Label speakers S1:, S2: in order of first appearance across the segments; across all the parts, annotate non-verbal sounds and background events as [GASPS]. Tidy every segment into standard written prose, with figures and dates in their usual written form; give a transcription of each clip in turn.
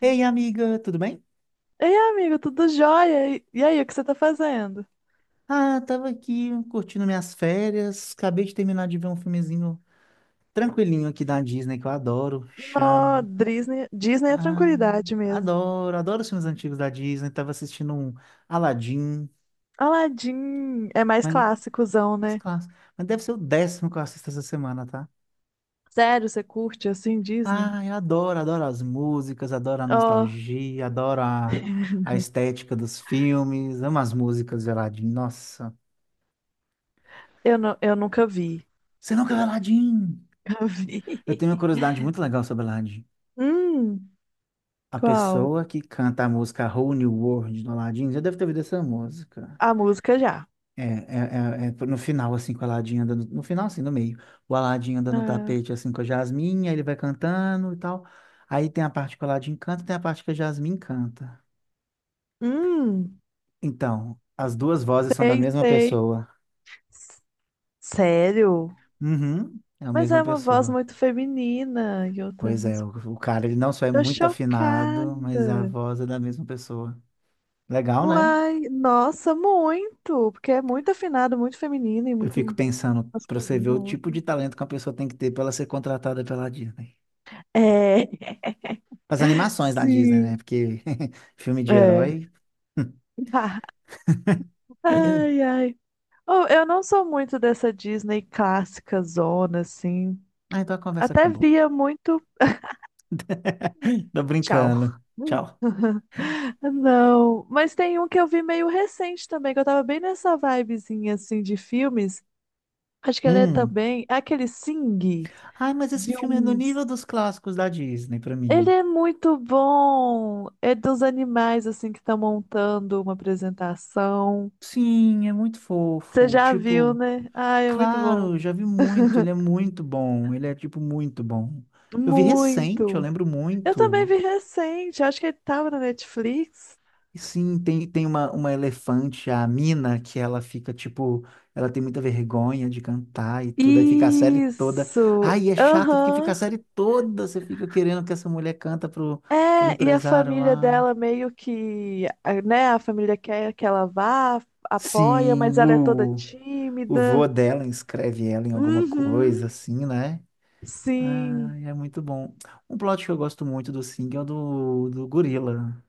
S1: Ei, amiga, tudo bem?
S2: Ei, amigo, tudo jóia? E aí, o que você tá fazendo?
S1: Ah, tava aqui curtindo minhas férias. Acabei de terminar de ver um filmezinho tranquilinho aqui da Disney que eu adoro.
S2: Nó,
S1: Chama.
S2: Disney é
S1: Ah,
S2: tranquilidade mesmo.
S1: adoro os filmes antigos da Disney. Tava assistindo um Aladdin,
S2: Aladdin é mais
S1: mas,
S2: clássicozão,
S1: mas
S2: né?
S1: clássico. Mas deve ser o décimo que eu assisto essa semana, tá?
S2: Sério, você curte assim Disney?
S1: Ah, eu adoro as músicas, adoro a
S2: Oh,
S1: nostalgia, a
S2: [LAUGHS]
S1: estética dos filmes. Amo as músicas de Aladdin. Nossa,
S2: eu nunca vi.
S1: você nunca viu Aladdin?
S2: Nunca
S1: Eu
S2: vi.
S1: tenho uma curiosidade
S2: [LAUGHS]
S1: muito legal sobre Aladdin.
S2: Hum,
S1: A
S2: qual?
S1: pessoa que canta a música Whole New World do Aladdin já deve ter ouvido essa música.
S2: A música já.
S1: É no final, assim, com o Aladdin andando. No final, assim, no meio. O Aladdin andando no
S2: Ah,
S1: tapete, assim, com a Jasmine, aí ele vai cantando e tal. Aí tem a parte que o Aladdin canta e tem a parte que a Jasmine canta.
S2: hum,
S1: Então, as duas vozes são da
S2: sei,
S1: mesma
S2: sei.
S1: pessoa.
S2: S- Sério?
S1: Uhum, é a
S2: Mas
S1: mesma
S2: é uma voz
S1: pessoa.
S2: muito feminina e outra é
S1: Pois é,
S2: masculina.
S1: o cara, ele não só é
S2: Tô
S1: muito afinado, mas a
S2: chocada.
S1: voz é da mesma pessoa. Legal, né?
S2: Uai, nossa, muito! Porque é muito afinado, muito feminino e
S1: Eu fico
S2: muito
S1: pensando, pra você ver
S2: masculino. A
S1: o tipo
S2: outra.
S1: de talento que uma pessoa tem que ter pra ela ser contratada pela Disney.
S2: É,
S1: As
S2: [LAUGHS]
S1: animações da Disney, né?
S2: sim,
S1: Porque [LAUGHS] filme de
S2: é.
S1: herói.
S2: [LAUGHS] Ai,
S1: [LAUGHS]
S2: ai. Oh, eu não sou muito dessa Disney clássica zona, assim.
S1: Ah, então a conversa
S2: Até
S1: acabou.
S2: via muito.
S1: [LAUGHS] Tô
S2: Tchau.
S1: brincando.
S2: Hum.
S1: Tchau.
S2: [LAUGHS] Não, mas tem um que eu vi meio recente também, que eu tava bem nessa vibezinha, assim, de filmes. Acho que ele é
S1: Hum.
S2: também. É aquele Sing,
S1: Ai, mas esse
S2: de
S1: filme é no
S2: uns.
S1: nível dos clássicos da Disney pra
S2: Ele
S1: mim.
S2: é muito bom. É dos animais assim que estão montando uma apresentação.
S1: Sim, é muito
S2: Você
S1: fofo.
S2: já viu,
S1: Tipo,
S2: né? Ai, é muito bom.
S1: claro, já vi muito. Ele é muito bom. Ele é, tipo, muito bom. Eu vi recente, eu
S2: Muito.
S1: lembro
S2: Eu também
S1: muito.
S2: vi recente. Acho que ele tava na Netflix.
S1: E sim, tem uma elefante, a Mina, que ela fica tipo, ela tem muita vergonha de cantar e tudo, aí fica a série toda.
S2: Isso.
S1: Ai, é chato porque fica a
S2: Aham.
S1: série toda, você fica querendo que essa mulher canta pro, pro
S2: É, e a
S1: empresário
S2: família
S1: lá.
S2: dela meio que, né? A família quer que ela vá, apoia,
S1: Sim,
S2: mas ela é toda
S1: o vô
S2: tímida.
S1: dela inscreve ela em alguma coisa,
S2: Uhum.
S1: assim, né?
S2: Sim.
S1: Ai, é muito bom. Um plot que eu gosto muito do Sing é o do, do gorila.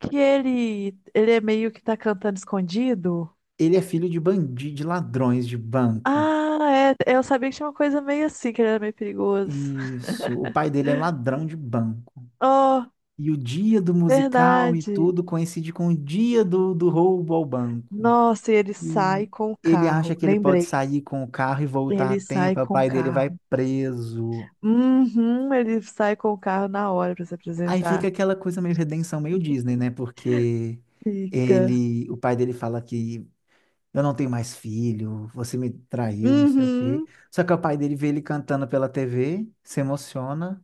S2: Que ele é meio que tá cantando escondido?
S1: Ele é filho de bandido, de ladrões de banco.
S2: Ah, é, eu sabia que tinha uma coisa meio assim, que ele era meio perigoso. [LAUGHS]
S1: Isso. O pai dele é ladrão de banco.
S2: Oh,
S1: E o dia do musical e
S2: verdade.
S1: tudo coincide com o dia do, do roubo ao banco.
S2: Nossa, e ele
S1: E
S2: sai com o
S1: ele acha
S2: carro.
S1: que ele pode
S2: Lembrei.
S1: sair com o carro e voltar a
S2: Ele sai
S1: tempo. Aí o
S2: com o
S1: pai dele vai
S2: carro.
S1: preso.
S2: Uhum, ele sai com o carro na hora pra se
S1: Aí fica
S2: apresentar.
S1: aquela coisa meio redenção, meio Disney, né? Porque
S2: Fica.
S1: ele, o pai dele fala que eu não tenho mais filho, você me traiu, não sei o quê.
S2: Uhum,
S1: Só que o pai dele vê ele cantando pela TV, se emociona.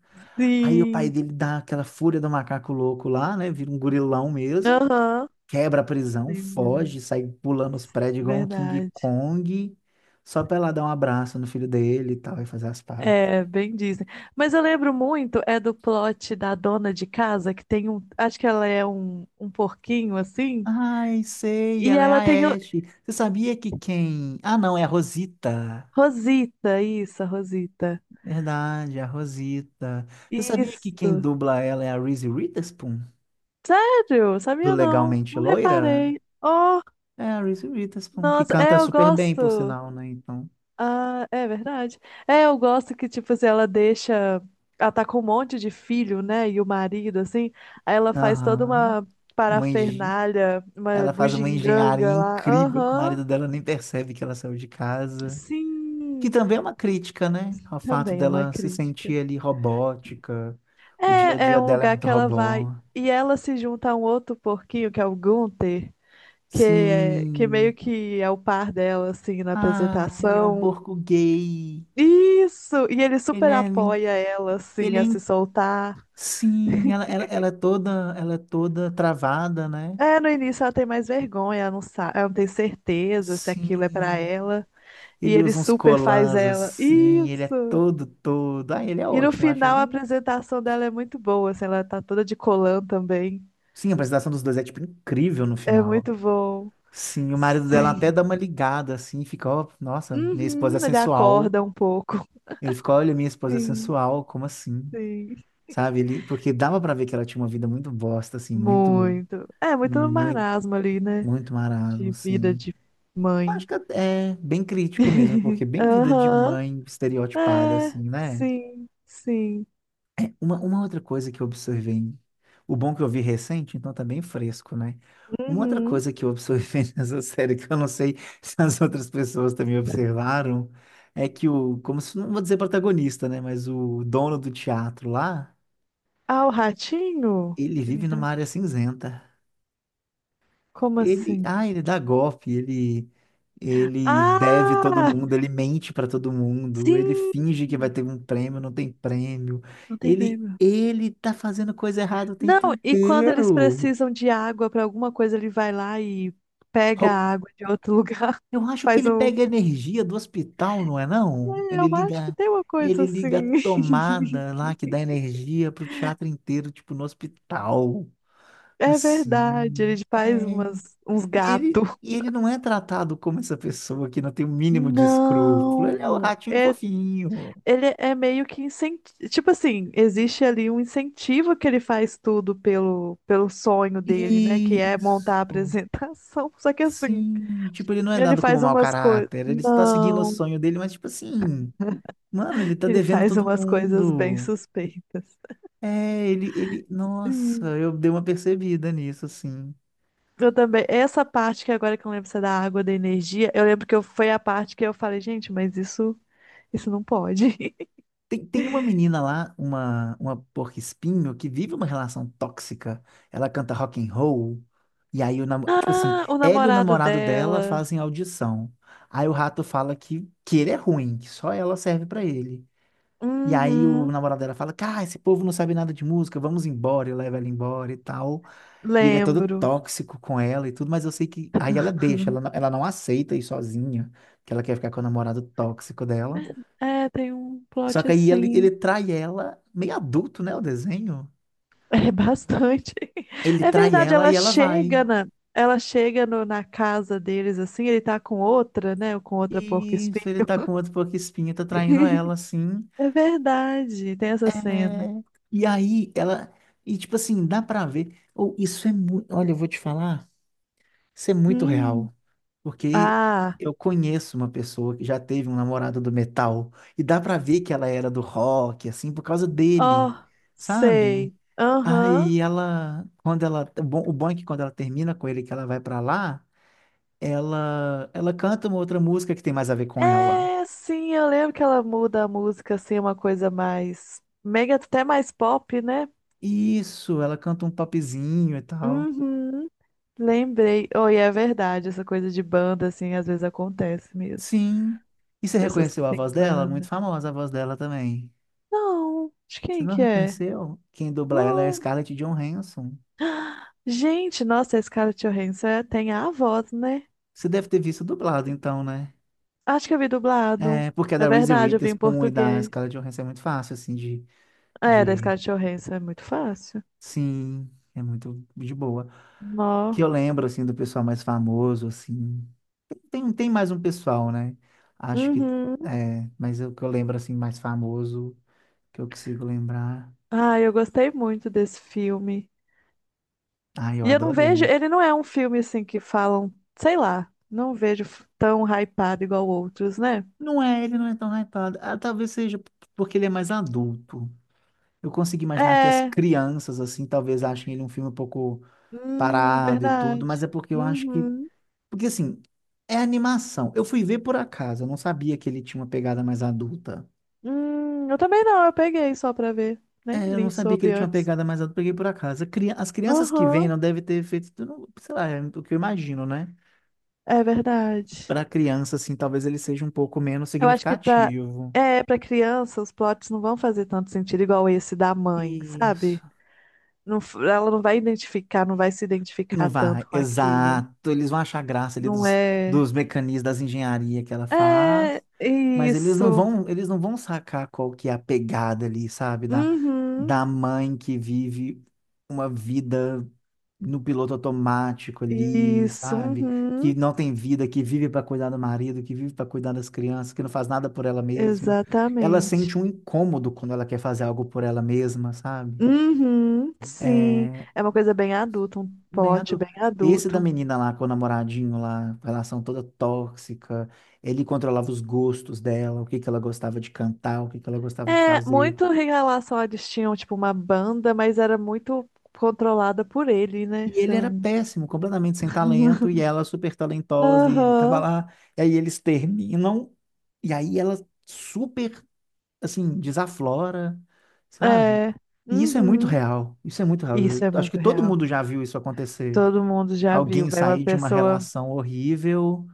S1: Aí o pai
S2: sim.
S1: dele dá aquela fúria do macaco louco lá, né? Vira um gorilão mesmo,
S2: Aham.
S1: quebra a prisão,
S2: Lembrei.
S1: foge, sai pulando os prédios igual um King
S2: Verdade.
S1: Kong, só pra ela dar um abraço no filho dele e tal, e fazer as pazes.
S2: É, bem Disney. Mas eu lembro muito, é do plot da dona de casa, que tem um. Acho que ela é um porquinho assim.
S1: Ai, sei,
S2: E
S1: ela é
S2: ela tem
S1: a
S2: o,
S1: Ashe. Você sabia que quem. Ah, não, é a Rosita.
S2: Rosita, isso, a Rosita.
S1: Verdade, a Rosita. Você sabia que quem
S2: Isso.
S1: dubla ela é a Reese Witherspoon?
S2: Sério?
S1: Do
S2: Sabia não.
S1: Legalmente
S2: Não
S1: Loira?
S2: reparei. Oh,
S1: É a Reese Witherspoon, que
S2: nossa, é,
S1: canta
S2: eu
S1: super bem, por
S2: gosto.
S1: sinal, né? Então,
S2: Ah, é verdade. É, eu gosto que, tipo, assim, ela deixa. Ela tá com um monte de filho, né? E o marido, assim. Aí ela faz toda
S1: aham.
S2: uma
S1: Uma engen-
S2: parafernália, uma
S1: Ela faz uma engenharia
S2: bugiganga lá.
S1: incrível que o
S2: Aham.
S1: marido dela nem percebe que ela saiu de casa. Que
S2: Sim.
S1: também é uma crítica, né? Ao fato
S2: Também é uma
S1: dela se
S2: crítica.
S1: sentir ali robótica. O dia a
S2: É, é
S1: dia
S2: um
S1: dela é
S2: lugar
S1: muito
S2: que ela vai.
S1: robô.
S2: E ela se junta a um outro porquinho, que é o Gunther, que, é, que meio
S1: Sim.
S2: que é o par dela, assim, na
S1: Ah, e é um
S2: apresentação.
S1: porco gay.
S2: Isso! E ele
S1: Ele
S2: super
S1: é, min-
S2: apoia ela, assim,
S1: ele é.
S2: a se soltar.
S1: Sim, ela é toda, ela é toda travada, né?
S2: É, no início ela tem mais vergonha, ela não sabe, ela não tem certeza se aquilo é pra
S1: Sim.
S2: ela. E
S1: Ele
S2: ele
S1: usa uns
S2: super faz
S1: colãs
S2: ela.
S1: assim, ele é
S2: Isso!
S1: todo, todo. Ah, ele é
S2: E no
S1: ótimo, acho
S2: final a
S1: ele.
S2: apresentação dela é muito boa, assim, ela tá toda de colã também.
S1: Sim, a apresentação dos dois é tipo incrível no
S2: É
S1: final.
S2: muito bom.
S1: Sim, o marido dela até
S2: Sim.
S1: dá uma ligada assim, fica, ó, nossa, minha esposa é
S2: Uhum, ele
S1: sensual.
S2: acorda um pouco.
S1: Ele fica, olha, minha esposa é
S2: Sim,
S1: sensual, como assim?
S2: sim.
S1: Sabe? Ele, porque dava pra ver que ela tinha uma vida muito bosta assim, muito
S2: Muito. É, muito no
S1: muito
S2: marasmo ali, né?
S1: muito marasmo,
S2: De vida
S1: assim.
S2: de
S1: Acho
S2: mãe.
S1: que é bem crítico mesmo, porque bem vida de
S2: Aham.
S1: mãe estereotipada, assim,
S2: É,
S1: né?
S2: sim, sim.
S1: É, uma outra coisa que eu observei, o bom que eu vi recente, então tá bem fresco, né? Uma outra
S2: Uhum.
S1: coisa que eu observei [LAUGHS] nessa série, que eu não sei se as outras pessoas também observaram, é que o, como se, não vou dizer protagonista, né? Mas o dono do teatro lá,
S2: Ah, o ratinho?
S1: ele
S2: Aquele
S1: vive numa
S2: ratinho.
S1: área cinzenta.
S2: Como
S1: Ele,
S2: assim?
S1: ah, ele dá golpe, ele ele deve todo
S2: Ah,
S1: mundo, ele mente para todo mundo, ele
S2: sim!
S1: finge que vai ter um prêmio, não tem prêmio.
S2: Não tem
S1: Ele
S2: verba.
S1: ele tá fazendo coisa errada o
S2: Não,
S1: tempo
S2: e quando eles
S1: inteiro.
S2: precisam de água para alguma coisa, ele vai lá e pega
S1: Rou-
S2: a água de outro lugar,
S1: Eu
S2: [LAUGHS]
S1: acho que
S2: faz
S1: ele
S2: um.
S1: pega energia do hospital, não é não?
S2: É, eu acho que tem uma coisa
S1: Ele liga a
S2: assim. [LAUGHS]
S1: tomada lá que dá energia pro teatro inteiro, tipo no hospital.
S2: É verdade,
S1: Assim.
S2: ele
S1: É.
S2: uns gatos.
S1: E ele não é tratado como essa pessoa que não tem o mínimo de escrúpulo. Ele é o
S2: Não,
S1: ratinho
S2: é
S1: fofinho.
S2: ele é meio que incentivo. Tipo assim, existe ali um incentivo que ele faz tudo pelo sonho dele, né? Que é montar a
S1: Isso.
S2: apresentação. [LAUGHS] Só que assim,
S1: Sim. Tipo, ele não é
S2: ele
S1: dado como
S2: faz
S1: mau
S2: umas coisas.
S1: caráter. Ele está seguindo o
S2: Não,
S1: sonho dele, mas, tipo assim, mano, ele tá
S2: ele
S1: devendo
S2: faz
S1: todo
S2: umas coisas bem
S1: mundo.
S2: suspeitas.
S1: É, ele. Nossa,
S2: Hum.
S1: eu dei uma percebida nisso, assim.
S2: Eu também. Essa parte que agora que eu lembro se é da água, da energia, eu lembro que eu, foi a parte que eu falei, gente, mas isso não pode. [LAUGHS]
S1: Tem uma menina lá, uma porco-espinho, que vive uma relação tóxica. Ela canta rock and roll. E aí, o namo- tipo assim,
S2: Ah, o
S1: ela e o
S2: namorado
S1: namorado dela
S2: dela.
S1: fazem audição. Aí o rato fala que ele é ruim, que só ela serve pra ele. E aí o
S2: Uhum,
S1: namorado dela fala, cara, esse povo não sabe nada de música, vamos embora, e leva ela embora e tal. E ele é todo
S2: lembro.
S1: tóxico com ela e tudo, mas eu sei que... Aí ela deixa, ela não aceita ir sozinha, que ela quer ficar com o namorado tóxico dela.
S2: É, tem um
S1: Só
S2: plot
S1: que aí ele
S2: assim.
S1: trai ela, meio adulto, né, o desenho?
S2: É bastante. [LAUGHS]
S1: Ele
S2: É
S1: trai
S2: verdade,
S1: ela e ela vai.
S2: ela chega na casa deles assim, ele tá com outra, né? Ou com outra
S1: E isso, ele
S2: porco-espinho.
S1: tá com outro porco-espinho, tá traindo ela,
S2: [LAUGHS]
S1: assim.
S2: É verdade, tem essa cena.
S1: É, e aí, ela... E, tipo assim, dá pra ver... Ou isso é muito... Olha, eu vou te falar, isso é muito
S2: Hum.
S1: real. Porque
S2: Ah,
S1: eu conheço uma pessoa que já teve um namorado do metal. E dá pra ver que ela era do rock, assim, por causa dele,
S2: ó,
S1: sabe?
S2: sei.
S1: Aí
S2: Aham.
S1: ela... Quando ela... O bom é que quando ela termina com ele, que ela vai pra lá... ela canta uma outra música que tem mais a ver com ela.
S2: É, sim, eu lembro que ela muda a música assim, uma coisa mais mega, até mais pop, né?
S1: Isso, ela canta um popzinho e tal.
S2: Uhum. Lembrei. Oi, é verdade, essa coisa de banda, assim, às vezes acontece mesmo.
S1: Sim. E você
S2: Pessoas que
S1: reconheceu a
S2: têm
S1: voz dela? Muito
S2: banda.
S1: famosa a voz dela também.
S2: Não, de
S1: Você
S2: quem
S1: não
S2: que é?
S1: reconheceu? Quem dubla ela é a
S2: Não.
S1: Scarlett Johansson.
S2: [GASPS] Gente, nossa, esse cara Johansson tem a voz, né?
S1: Você deve ter visto dublado, então, né?
S2: Acho que eu vi dublado.
S1: É, porque a
S2: É
S1: da Reese
S2: verdade, eu vi em
S1: Witherspoon e da
S2: português.
S1: Scarlett Johansson é muito fácil, assim,
S2: É, da
S1: de...
S2: Scarlett Johansson é muito fácil.
S1: Sim, é muito de boa. Que eu
S2: Nó.
S1: lembro, assim, do pessoal mais famoso, assim. Tem mais um pessoal, né? Acho que
S2: Uhum.
S1: é, mas o que eu lembro assim mais famoso que eu consigo lembrar.
S2: Ah, eu gostei muito desse filme.
S1: Ai, eu
S2: E eu não vejo,
S1: adorei.
S2: ele não é um filme assim que falam, sei lá, não vejo tão hypado igual outros, né?
S1: Não é, ele não é tão hypado. Ah, talvez seja porque ele é mais adulto. Eu consigo imaginar que as
S2: É,
S1: crianças assim talvez achem ele um filme um pouco
S2: hum,
S1: parado e tudo,
S2: verdade.
S1: mas é porque eu acho que
S2: Uhum.
S1: porque assim, é animação. Eu fui ver por acaso, eu não sabia que ele tinha uma pegada mais adulta.
S2: Eu também não, eu peguei só pra ver.
S1: É,
S2: Nem
S1: eu não
S2: li
S1: sabia que
S2: sobre
S1: ele tinha uma
S2: antes.
S1: pegada mais alta, peguei por acaso. As crianças que vêm
S2: Aham,
S1: não devem ter feito, eu não- sei lá, é o que eu imagino, né?
S2: é verdade.
S1: Para criança, assim, talvez ele seja um pouco menos
S2: Eu acho que pra,
S1: significativo.
S2: é, pra criança os plots não vão fazer tanto sentido igual esse da mãe,
S1: Isso.
S2: sabe? Não, ela não vai identificar, não vai se
S1: Não
S2: identificar
S1: vai,
S2: tanto com aquilo.
S1: exato. Eles vão achar graça ali
S2: Não é.
S1: dos mecanismos das engenharia que ela faz,
S2: É
S1: mas
S2: isso.
S1: eles não vão sacar qual que é a pegada ali, sabe?
S2: Uhum.
S1: Da mãe que vive uma vida no piloto automático ali,
S2: Isso.
S1: sabe? Que
S2: Uhum.
S1: não tem vida, que vive para cuidar do marido, que vive para cuidar das crianças, que não faz nada por ela mesma. Ela
S2: Exatamente.
S1: sente um incômodo quando ela quer fazer algo por ela mesma, sabe?
S2: Uhum, sim.
S1: É,
S2: É uma coisa bem adulta, um
S1: bem
S2: plot
S1: adulto.
S2: bem
S1: Esse da
S2: adulto.
S1: menina lá com o namoradinho lá, relação toda tóxica, ele controlava os gostos dela, o que que ela gostava de cantar, o que que ela gostava de
S2: É,
S1: fazer.
S2: muito em relação a eles tinham, tipo, uma banda, mas era muito controlada por ele, né?
S1: E
S2: Se
S1: ele
S2: eu
S1: era
S2: não-
S1: péssimo, completamente sem talento, e ela super talentosa, e ele tava
S2: Aham,
S1: lá, e aí eles terminam, e aí ela super, assim, desaflora, sabe?
S2: é.
S1: E isso é muito
S2: Uhum.
S1: real, isso é muito real.
S2: Isso
S1: Eu
S2: é
S1: acho que
S2: muito
S1: todo
S2: real.
S1: mundo já viu isso acontecer.
S2: Todo mundo já viu,
S1: Alguém
S2: velho. Uma
S1: sair de uma
S2: pessoa
S1: relação horrível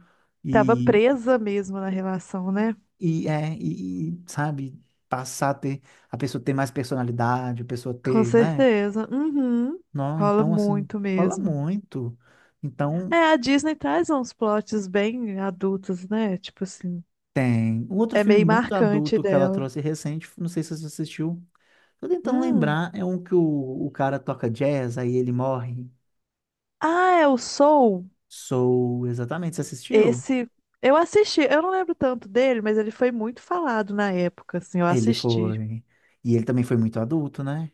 S2: tava
S1: e
S2: presa mesmo na relação, né?
S1: Sabe, passar a ter, a pessoa ter mais personalidade, a pessoa
S2: Com
S1: ter, né?
S2: certeza. Uhum.
S1: Não,
S2: Rola
S1: então, assim,
S2: muito
S1: rola
S2: mesmo.
S1: muito. Então,
S2: É, a Disney traz uns plots bem adultos, né? Tipo assim,
S1: tem. Um outro
S2: é
S1: filme
S2: meio
S1: muito
S2: marcante
S1: adulto que ela
S2: dela.
S1: trouxe recente, não sei se você assistiu, tô tentando
S2: Hum.
S1: lembrar, é um que o cara toca jazz, aí ele morre.
S2: Ah, é o Soul.
S1: Soul, exatamente, você assistiu?
S2: Esse eu assisti, eu não lembro tanto dele, mas ele foi muito falado na época, assim, eu
S1: Ele
S2: assisti.
S1: foi. E ele também foi muito adulto, né?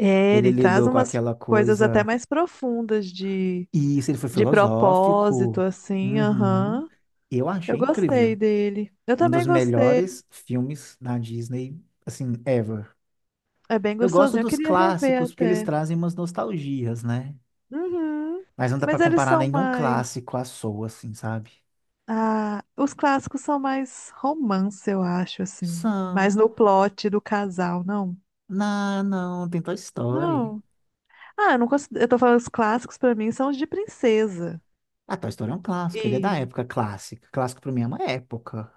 S2: É,
S1: Ele
S2: ele traz
S1: lidou com
S2: umas
S1: aquela
S2: coisas até
S1: coisa.
S2: mais profundas
S1: E isso, ele foi
S2: de propósito,
S1: filosófico.
S2: assim,
S1: Uhum.
S2: aham.
S1: Eu
S2: Eu
S1: achei incrível.
S2: gostei dele. Eu
S1: Um
S2: também
S1: dos
S2: gostei.
S1: melhores filmes da Disney, assim, ever.
S2: É bem
S1: Eu gosto
S2: gostosinho. Eu
S1: dos
S2: queria rever
S1: clássicos porque eles
S2: até.
S1: trazem umas nostalgias, né?
S2: Uhum.
S1: Mas não dá pra
S2: Mas eles
S1: comparar
S2: são
S1: nenhum
S2: mais.
S1: clássico à sua, assim, sabe?
S2: Ah, os clássicos são mais romance, eu acho, assim.
S1: São.
S2: Mais no plot do casal, não?
S1: Não, não, tem Toy Story.
S2: Não. Ah, eu não considero. Eu tô falando os clássicos pra mim são os de princesa.
S1: Ah, Toy Story é um clássico, ele é da
S2: E.
S1: época clássica. Clássico pra mim é uma época.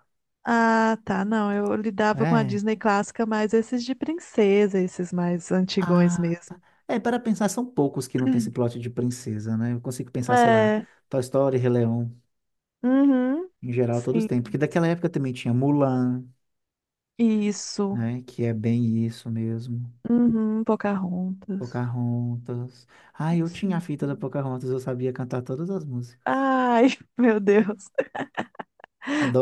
S2: Ah, tá. Não, eu lidava com a
S1: É.
S2: Disney clássica, mas esses de princesa, esses mais antigões
S1: Ah,
S2: mesmo.
S1: é, para pensar, são poucos que não tem esse
S2: [CLEARS THROAT]
S1: plot de princesa, né? Eu consigo pensar, sei lá,
S2: É.
S1: Toy Story, Rei Leão,
S2: Uhum.
S1: em geral, todos
S2: Sim.
S1: têm. Porque daquela época também tinha Mulan,
S2: Isso.
S1: né? Que é bem isso mesmo.
S2: Uhum. Pocahontas.
S1: Pocahontas. Ah, eu tinha a
S2: Sim,
S1: fita da
S2: sim.
S1: Pocahontas, eu sabia cantar todas as músicas.
S2: Ai, [LAUGHS] meu Deus.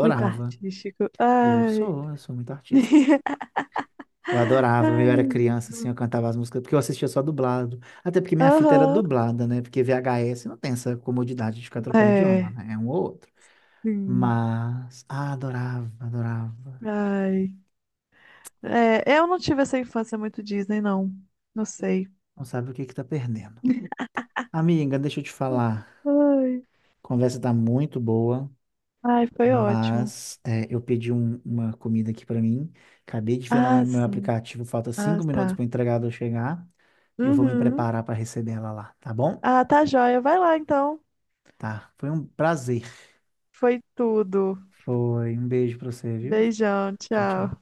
S2: Muito artístico. Ai.
S1: Eu sou muito artista.
S2: [LAUGHS]
S1: Eu adorava, eu era
S2: Ai.
S1: criança, assim, eu cantava as músicas, porque eu assistia só dublado. Até porque minha fita era
S2: Aham.
S1: dublada, né? Porque VHS não tem essa comodidade de ficar trocando idioma,
S2: É.
S1: né? É um ou outro.
S2: Sim.
S1: Mas, ah, adorava.
S2: Ai. É, eu não tive essa infância muito Disney, não. Não sei.
S1: Não sabe o que que tá perdendo. Amiga, deixa eu te falar.
S2: Ai,
S1: A conversa tá muito boa,
S2: ai, foi ótimo.
S1: mas é, eu pedi uma comida aqui pra mim. Acabei de ver no meu,
S2: Ah,
S1: meu
S2: sim.
S1: aplicativo, falta
S2: Ah,
S1: 5 minutos
S2: tá.
S1: para o entregador chegar. Eu vou me
S2: Uhum.
S1: preparar para receber ela lá, tá bom?
S2: Ah, tá joia. Vai lá então.
S1: Tá. Foi um prazer.
S2: Foi tudo.
S1: Foi um beijo pra você, viu?
S2: Beijão,
S1: Tchau.
S2: tchau.